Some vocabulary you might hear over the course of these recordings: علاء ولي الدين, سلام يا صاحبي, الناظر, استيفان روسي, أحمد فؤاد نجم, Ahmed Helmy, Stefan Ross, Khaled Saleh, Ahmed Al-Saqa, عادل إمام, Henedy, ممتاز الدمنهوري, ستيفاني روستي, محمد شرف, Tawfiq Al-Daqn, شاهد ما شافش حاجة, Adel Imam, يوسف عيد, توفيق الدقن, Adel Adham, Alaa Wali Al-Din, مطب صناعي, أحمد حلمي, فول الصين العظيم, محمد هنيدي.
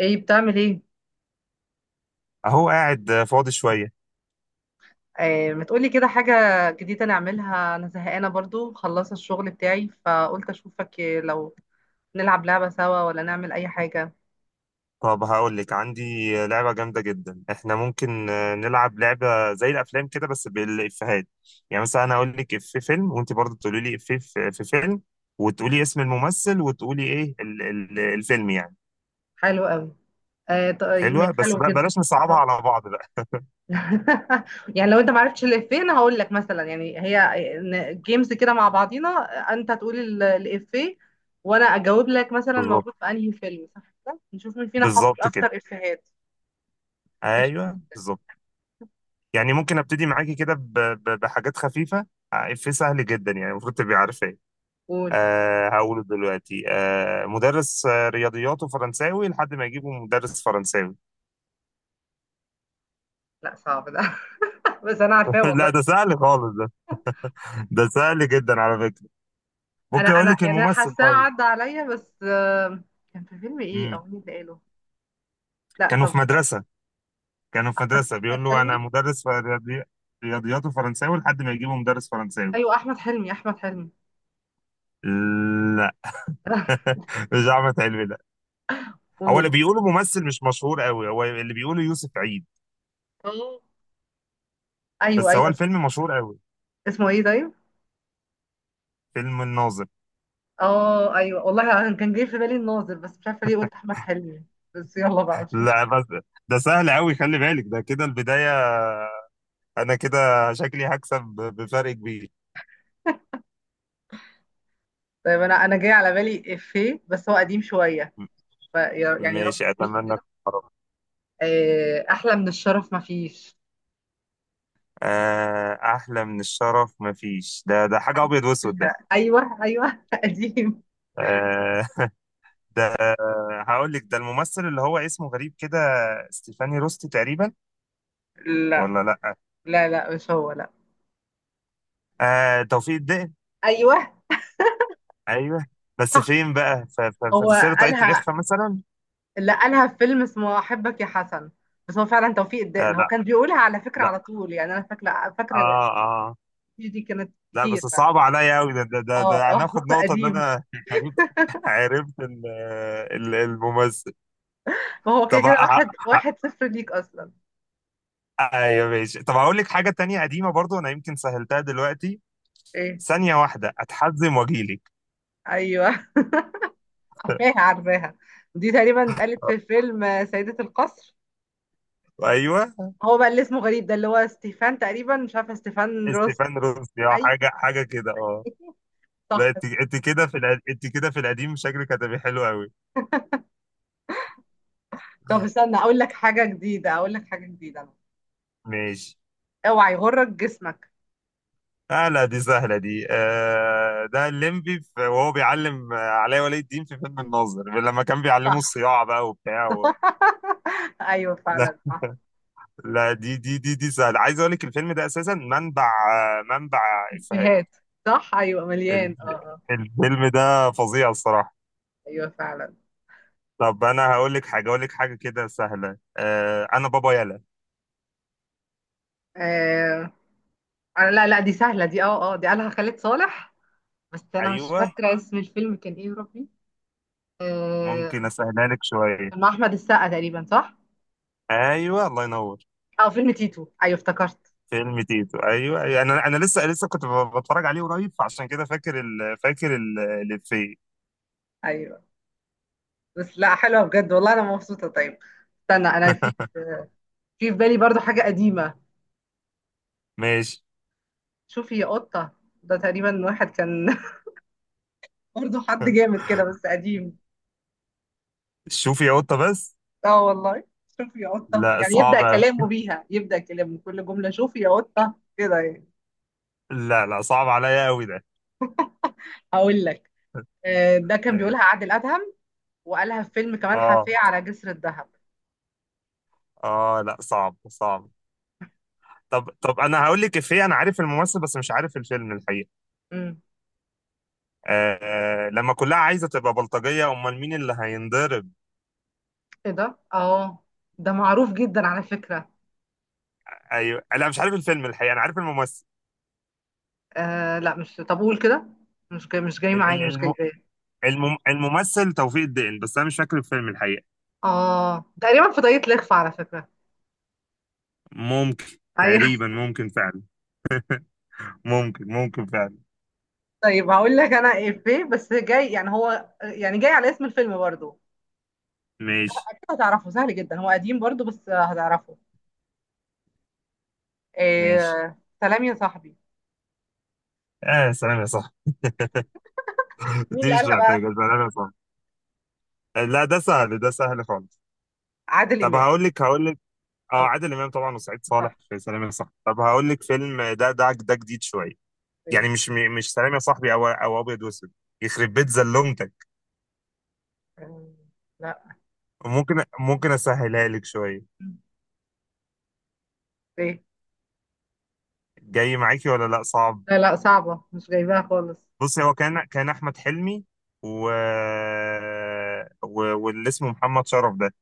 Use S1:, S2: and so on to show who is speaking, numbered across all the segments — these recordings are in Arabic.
S1: ايه بتعمل ايه؟
S2: اهو قاعد فاضي شوية.
S1: آه، ما تقولي كده حاجة جديدة نعملها. انا زهقانة برضو، خلصت الشغل بتاعي فقلت اشوفك لو نلعب لعبة سوا ولا نعمل اي حاجة.
S2: طب هقول لك عندي لعبة جامدة جدا. احنا ممكن نلعب لعبة زي الافلام كده بس بالافيهات. يعني مثلا انا اقول لك في فيلم، وانت برضه تقولي لي في فيلم، وتقولي اسم الممثل، وتقولي ايه ال الفيلم يعني.
S1: حلو قوي. آه، طيب
S2: حلوة، بس
S1: حلو
S2: بقى
S1: جدا.
S2: بلاش نصعبها
S1: آه.
S2: على بعض بقى.
S1: يعني لو انت معرفتش الافيه انا هقول لك مثلا، يعني هي جيمز كده مع بعضينا. انت تقول الافيه. وانا اجاوب لك مثلا
S2: بالظبط.
S1: موجود في انهي فيلم، صح كده نشوف مين فينا حافظ
S2: بالظبط كده.
S1: اكتر افيهات. قشطة.
S2: ايوه بالظبط. يعني ممكن ابتدي معاكي كده بحاجات خفيفة. افيه سهل جدا، يعني المفروض تبقي عارفاه.
S1: قول.
S2: هقوله دلوقتي. مدرس، رياضياته فرنساوي لحد ما يجيبه مدرس فرنساوي.
S1: لا صعب ده. بس انا عارفاه
S2: لا،
S1: والله.
S2: ده سهل خالص ده. ده سهل جدا على فكرة.
S1: انا
S2: ممكن اقول
S1: انا
S2: لك
S1: يعني انا
S2: الممثل.
S1: حاساه
S2: طيب.
S1: عدى عليا، بس كان في فيلم ايه او
S2: امم.
S1: مين اللي قاله؟ لا
S2: كانوا
S1: طب.
S2: في مدرسة. كانوا في
S1: احمد
S2: مدرسة
S1: احمد
S2: بيقول له
S1: حلمي.
S2: انا مدرس في رياضي... رياضياته فرنساوي لحد ما يجيبه مدرس فرنساوي.
S1: ايوه احمد حلمي احمد حلمي.
S2: لا. مش احمد حلمي ده. هو اللي
S1: قول.
S2: بيقوله ممثل مش مشهور قوي، هو اللي بيقوله يوسف عيد.
S1: اه ايوه
S2: بس هو
S1: ايوه.
S2: الفيلم مشهور قوي.
S1: اسمه ايه طيب؟
S2: فيلم الناظر.
S1: اه ايوه والله، أنا كان جاي في بالي الناظر بس مش عارفه ليه قلت احمد حلمي. بس يلا بقى، مش مشكله.
S2: لا بس، ده سهل قوي، خلي بالك ده كده البداية. انا كده شكلي هكسب بفرق كبير.
S1: طيب انا جاي على بالي افيه بس هو قديم شويه. ف يعني رب
S2: ماشي،
S1: تريحي
S2: اتمنى.
S1: كده.
S2: القرار.
S1: آه، احلى من الشرف ما فيش.
S2: احلى من الشرف مفيش. ده حاجه ابيض واسود ده.
S1: ايوه ايوه. قديم.
S2: آه. ده. هقول لك ده الممثل اللي هو اسمه غريب كده. ستيفاني روستي تقريبا.
S1: لا
S2: ولا لا.
S1: لا لا مش هو، لا.
S2: آه توفيق الدقن.
S1: ايوه،
S2: ايوه. بس فين بقى
S1: هو
S2: في سر طاقية
S1: قالها.
S2: الإخفاء مثلا.
S1: لا، قالها في فيلم اسمه احبك يا حسن. بس هو فعلا توفيق
S2: آه
S1: الدقن، هو
S2: لا.
S1: كان بيقولها على فكره
S2: لا.
S1: على طول، يعني انا فاكره فاكره.
S2: اه اه.
S1: دي كانت
S2: لا بس،
S1: كتير بقى.
S2: صعب عليا قوي ده. ده ده,
S1: اه
S2: ده
S1: اه.
S2: هناخد نقطة ان
S1: قديم.
S2: انا عرفت. عرفت الممثل.
S1: ما هو كده
S2: طب.
S1: كده واحد واحد صفر ليك اصلا.
S2: ايوه ماشي. طب هقول لك حاجه تانية قديمه برضو، انا يمكن سهلتها دلوقتي.
S1: ايه؟
S2: ثانيه واحده اتحزم واجيلك.
S1: ايوه. عارفاها عارفاها. دي تقريبا اتقالت في فيلم سيدة القصر.
S2: ايوه.
S1: هو بقى اللي اسمه غريب ده، اللي هو ستيفان تقريبا، مش عارفه ستيفان روس.
S2: استيفان روسي اه،
S1: ايوه.
S2: حاجه حاجه كده اه. لا
S1: صح.
S2: انت كده في انت كده في القديم شكلك هتبقى حلو قوي.
S1: طب استنى اقول لك حاجه جديده، اقول لك حاجه جديده.
S2: ماشي.
S1: اوعى يغرك جسمك.
S2: آه لا، دي سهله دي. ده الليمبي وهو بيعلم علاء ولي الدين في فيلم الناظر لما كان بيعلمه
S1: صح.
S2: الصياعه بقى وبتاع و...
S1: ايوه
S2: لا
S1: فعلا صح.
S2: لا، دي سهله. عايز اقول لك الفيلم ده اساسا منبع افيهات
S1: افيهات. صح ايوه
S2: ال-
S1: مليان، اه اه.
S2: الفيلم ده فظيع الصراحة.
S1: ايوه فعلا.
S2: طب أنا هقول لك حاجة كده سهلة. أنا بابا يلا.
S1: آه. آه، لا لا دي سهله دي، اه اه، دي قالها خالد صالح. بس انا مش
S2: أيوه.
S1: فاكره اسم الفيلم كان ايه يا ربي.
S2: ممكن
S1: آه.
S2: أسهلها لك شوية.
S1: كان مع احمد السقا تقريبا، صح؟
S2: أيوه الله ينور.
S1: اه فيلم تيتو، ايوه افتكرت.
S2: فيلم تيتو أيوه، أيوة. أنا لسه كنت بتفرج عليه قريب، فعشان كده فاكر الإفيه.
S1: ايوه بس لا حلوه بجد والله، انا مبسوطه. طيب استنى، انا في في في بالي برضو حاجه قديمه.
S2: ماشي.
S1: شوفي يا قطه. ده تقريبا واحد كان برضو حد جامد كده بس قديم.
S2: شوفي يا قطة بس.
S1: اه والله. شوف يا قطة،
S2: لا
S1: يعني يبدأ
S2: صعب أوي.
S1: كلامه بيها، يبدأ كلامه كل جملة شوف يا قطة كده يعني.
S2: لا لا، صعب عليا أوي ده.
S1: هقول لك. آه، ده كان
S2: ماشي.
S1: بيقولها عادل أدهم. وقالها في فيلم كمال
S2: اه
S1: حفية على جسر الذهب.
S2: اه، لا صعب صعب. طب انا هقول لك افيه، انا عارف الممثل بس مش عارف الفيلم الحقيقة.
S1: امم.
S2: لما كلها عايزه تبقى بلطجيه امال مين اللي هينضرب.
S1: ايه ده؟ اه، ده معروف جدا على فكرة.
S2: ايوه. لا مش عارف الفيلم الحقيقه، انا عارف الممثل.
S1: آه لا مش، طب قول كده. مش جاي، مش جاي
S2: ال- ال-
S1: معايا، مش جاي
S2: الم...
S1: جاي.
S2: الممثل توفيق الدقن، بس انا مش فاكر الفيلم الحقيقه.
S1: اه تقريبا في طريقة لخفة على فكرة.
S2: ممكن.
S1: ايوه.
S2: تقريبا ممكن فعلا. ممكن فعلا.
S1: طيب هقول لك انا ايه، بس جاي يعني هو يعني جاي على اسم الفيلم برضو.
S2: ماشي.
S1: اكيد هتعرفه، سهل جدا، هو قديم برضو بس هتعرفه.
S2: ماشي.
S1: آه سلام يا صاحبي.
S2: اه سلام يا صاحبي.
S1: مين
S2: دي
S1: اللي
S2: مش
S1: قالها بقى؟
S2: محتاجه سلام يا صاحبي. لا ده سهل، ده سهل خالص.
S1: عادل
S2: طب
S1: امام.
S2: هقول لك. اه
S1: اه
S2: عادل امام طبعا وسعيد
S1: صح.
S2: صالح في سلام يا صاحبي. طب هقول لك فيلم ده جديد شويه.
S1: ايه؟
S2: يعني مش سلام يا صاحبي، او ابيض واسود. يخرب بيت زلومتك.
S1: آه، لا.
S2: ممكن اسهلها لك شويه.
S1: ايه؟
S2: جاي معاكي ولا لا صعب.
S1: لا لا صعبه، مش جايباها خالص.
S2: بصي هو كان احمد حلمي. و... و... واللي اسمه محمد شرف ده،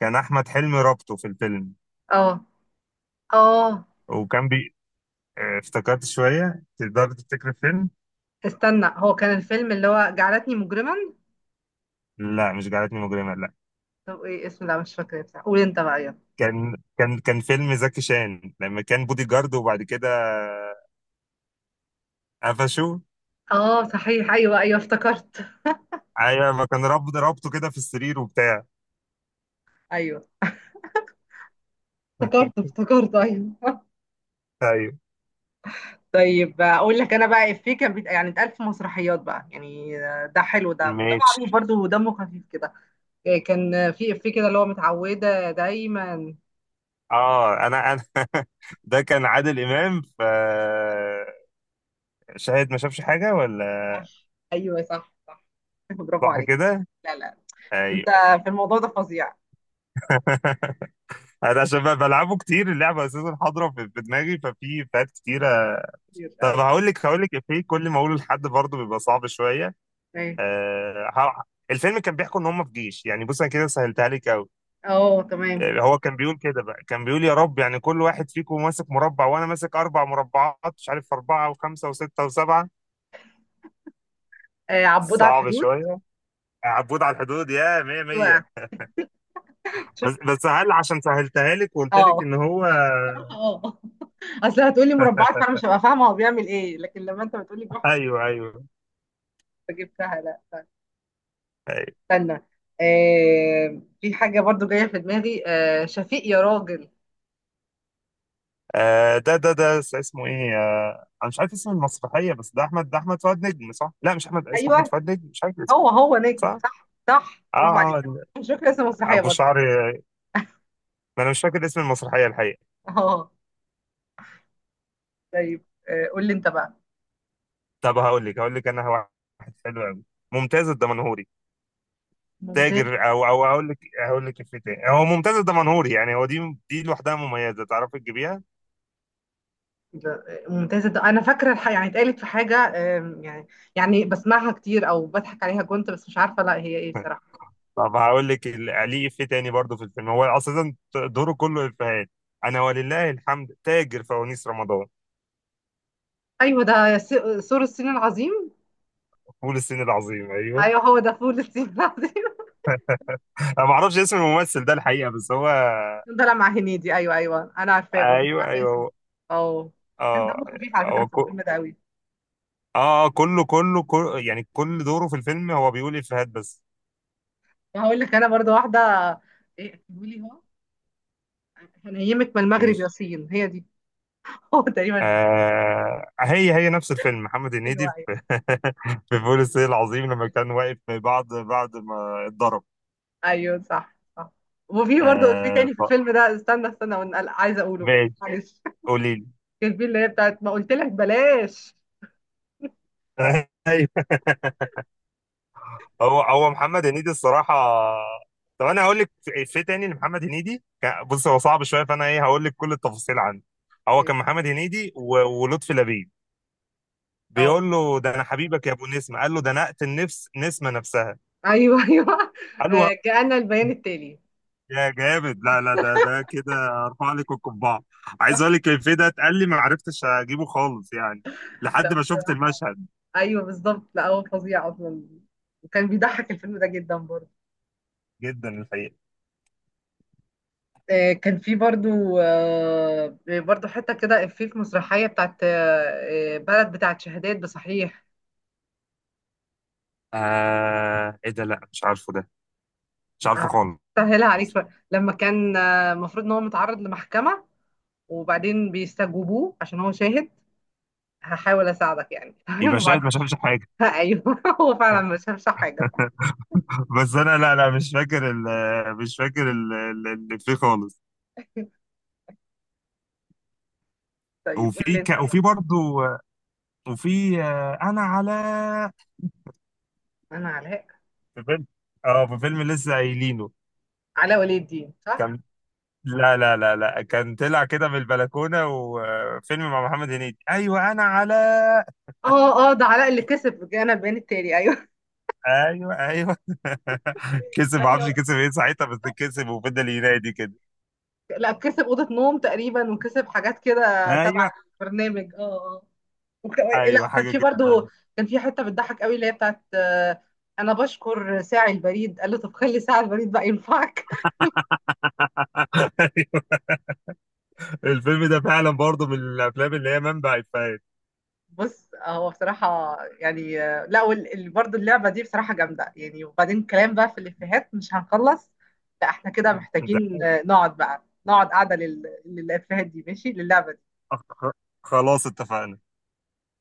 S2: كان احمد حلمي رابطه في الفيلم.
S1: اه اه.
S2: وكان بي. اه افتكرت شويه، تقدر تفتكر الفيلم.
S1: استنى، هو كان الفيلم اللي هو جعلتني مجرما؟
S2: لا مش جعلتني مجرمه لا.
S1: طب ايه اسمه؟ لا مش فاكره بصراحه، قول انت بقى يلا.
S2: كان فيلم زكي شان لما كان بودي جارد، وبعد كده قفشوه.
S1: اه صحيح ايوه ايوه افتكرت.
S2: ايوه ما كان رابطه كده في السرير وبتاع.
S1: ايوه افتكرت افتكرت ايوه. طيب اقول لك انا بقى افيه كان يعني اتقال في مسرحيات بقى، يعني ده حلو، ده
S2: ماشي.
S1: معروف برضه ودمه خفيف كده. إيه، كان في إفيه كده اللي هو متعودة دايما.
S2: اه انا ده كان عادل امام ف. شاهد ما شافش حاجه ولا.
S1: صح. ايوه صح صح. برافو
S2: صح
S1: عليك.
S2: كده.
S1: لا لا. انت
S2: ايوه.
S1: في الموضوع ده فظيع.
S2: انا عشان بقى بلعبه كتير اللعبه اساسا حاضره في دماغي، ففي فات كتيره.
S1: كتير
S2: طب
S1: أوي.
S2: هقول لك افيه، كل ما اقوله لحد برضه بيبقى صعب شويه.
S1: ايه؟
S2: آه ه- الفيلم كان بيحكوا ان هم في جيش. يعني بص انا كده سهلتها لك قوي.
S1: اه تمام.
S2: هو كان بيقول يا رب، يعني كل واحد فيكم ماسك مربع وانا ماسك 4 مربعات، مش عارف 4 و5 و6 و7.
S1: آه عبود على
S2: صعب
S1: الحدود.
S2: شويه. عبود على الحدود يا مية
S1: ايوه
S2: مية. بس
S1: شفت.
S2: بس هل عشان سهلتها لك وقلت لك
S1: اه.
S2: ان هو.
S1: اه. اصل هتقولي مربعات فانا مش هبقى فاهمه هو بيعمل ايه، لكن لما انت بتقولي بيحفظ
S2: ايوه ايوه
S1: فجبتها. لا لا.
S2: ايوه.
S1: استنى، آه في حاجه برضو جايه في دماغي، شفيق يا راجل.
S2: ده اسمه ايه. انا مش عارف اسم المسرحيه، بس ده احمد فؤاد نجم صح؟ لا مش احمد، اسمه احمد
S1: ايوه،
S2: فؤاد نجم، مش عارف اسمه.
S1: هو هو نجم،
S2: صح؟
S1: صح صح
S2: اه
S1: برافو
S2: اه
S1: عليك. مش فاكره اسم المسرحيه
S2: ابو
S1: برضو.
S2: شعر. ما انا مش فاكر اسم المسرحيه الحقيقه.
S1: اه طيب، آه، قول لي انت بقى.
S2: طب هقول لك انا واحد حلو قوي. ممتاز الدمنهوري. تاجر،
S1: ممتازة.
S2: او اقول لك. هقول لك إفيه تاني، هو ممتاز الدمنهوري يعني، هو دي لوحدها مميزه تعرفي تجيبيها.
S1: ممتازة ده أنا فاكرة يعني اتقالت في حاجة. يعني يعني بسمعها كتير أو بضحك عليها كنت، بس مش عارفة لا هي إيه بصراحة.
S2: طب هقول لك ليه إفيه تاني برضه في الفيلم، هو أساسا دوره كله إفيهات. أنا ولله الحمد تاجر فوانيس رمضان.
S1: أيوه ده سور الصين العظيم.
S2: فول الصين العظيم أيوه.
S1: أيوه هو ده فول الصين العظيم.
S2: أنا ما أعرفش اسم الممثل ده الحقيقة، بس هو.
S1: كان طالع مع هنيدي، أيوه أيوه أنا عارفاه برضه مش
S2: أيوه
S1: عارفة
S2: أيوه
S1: اسمه. أه. كان
S2: أه.
S1: دمه خفيف على فكرة
S2: هو
S1: في
S2: كو...
S1: الفيلم ده أوي.
S2: أه كله يعني كل دوره في الفيلم هو بيقول إفيهات بس.
S1: وهقول لك أنا برضه واحدة. إيه قولي. هو هنيمك من المغرب يا
S2: ماشي.
S1: صين، هي دي. هو تقريبا.
S2: هي نفس الفيلم محمد هنيدي
S1: أيوه
S2: في.
S1: أيوة.
S2: في فول الصين العظيم لما كان واقف بعد ما اتضرب.
S1: ايوه صح صح. وفي برضه في تاني في
S2: طب
S1: الفيلم ده، استنى استنى، وانا عايزه اقوله.
S2: ماشي.
S1: معلش.
S2: قولي لي.
S1: كان في اللي هي بتاعت ما قلت لك بلاش.
S2: ايوه. هو محمد هنيدي الصراحه. طب انا هقول لك. في تاني لمحمد هنيدي بص هو صعب شويه، فانا ايه هقول لك كل التفاصيل عنه. هو كان محمد هنيدي ولطفي لبيب،
S1: اه
S2: بيقول له ده انا حبيبك يا ابو نسمه، قال له ده انا اقتل نفس نسمه نفسها.
S1: ايوه ايوه.
S2: قال له
S1: آه، جاءنا البيان التالي.
S2: يا جامد. لا لا ده كده ارفع لك القبعه. عايز
S1: صح.
S2: اقول لك الفيديو ده اتقال لي ما عرفتش اجيبه خالص يعني. لحد
S1: لا
S2: ما شفت
S1: بصراحه.
S2: المشهد.
S1: ايوه بالظبط، لا هو فظيع اصلا. وكان بيضحك الفيلم ده جدا برضه.
S2: جدا الحقيقه.
S1: آه، كان في برضه. آه، برضه حته كده إفيه في مسرحيه بتاعت بلد بتاعت شهادات بصحيح.
S2: ايه ده. لا مش عارفه ده، مش عارفه
S1: آه،
S2: خالص.
S1: سهلها عليك شويه، لما كان المفروض ان هو متعرض لمحكمه. وبعدين بيستجوبوه عشان هو شاهد. هحاول اساعدك يعني، تمام؟
S2: يبقى شاهد
S1: وبعدين.
S2: ما شافش حاجة.
S1: ايوه. هو فعلا مش هفشح حاجه.
S2: بس انا لا لا مش فاكر اللي فيه خالص.
S1: طيب قول لي انت بقى.
S2: وفي برضو. وفي انا على.
S1: انا علاء.
S2: في فيلم. اه في فيلم لسه قايلينه.
S1: علاء ولي الدين صح؟
S2: كان. لا لا لا لا كان طلع كده من البلكونة، وفيلم مع محمد هنيدي ايوه انا على.
S1: اه اه، ده علاء اللي كسب انا البيان التالي، ايوه.
S2: ايوه ايوه. كسب،
S1: ده
S2: ما
S1: اللي
S2: اعرفش كسب ايه ساعتها، بس كسب وفضل ينادي كده.
S1: لا كسب اوضه نوم تقريبا، وكسب حاجات كده تبع
S2: ايوه
S1: البرنامج، اه اه. وك...
S2: ايوه
S1: لا كان
S2: حاجة
S1: في
S2: كده.
S1: برضو، كان في حته بتضحك قوي اللي هي بتاعت انا بشكر ساعي البريد، قال له طب خلي ساعي البريد بقى ينفعك.
S2: ايوه. الفيلم ده فعلا برضه من الافلام اللي هي منبع افيهات.
S1: بص هو بصراحة يعني، لا، برضه اللعبة دي بصراحة جامدة يعني، وبعدين كلام بقى في الإفيهات مش هنخلص. لا احنا كده
S2: ده.
S1: محتاجين، نقعد بقى نقعد قاعدة للإفيهات دي، ماشي للعبة دي.
S2: خ- خلاص اتفقنا.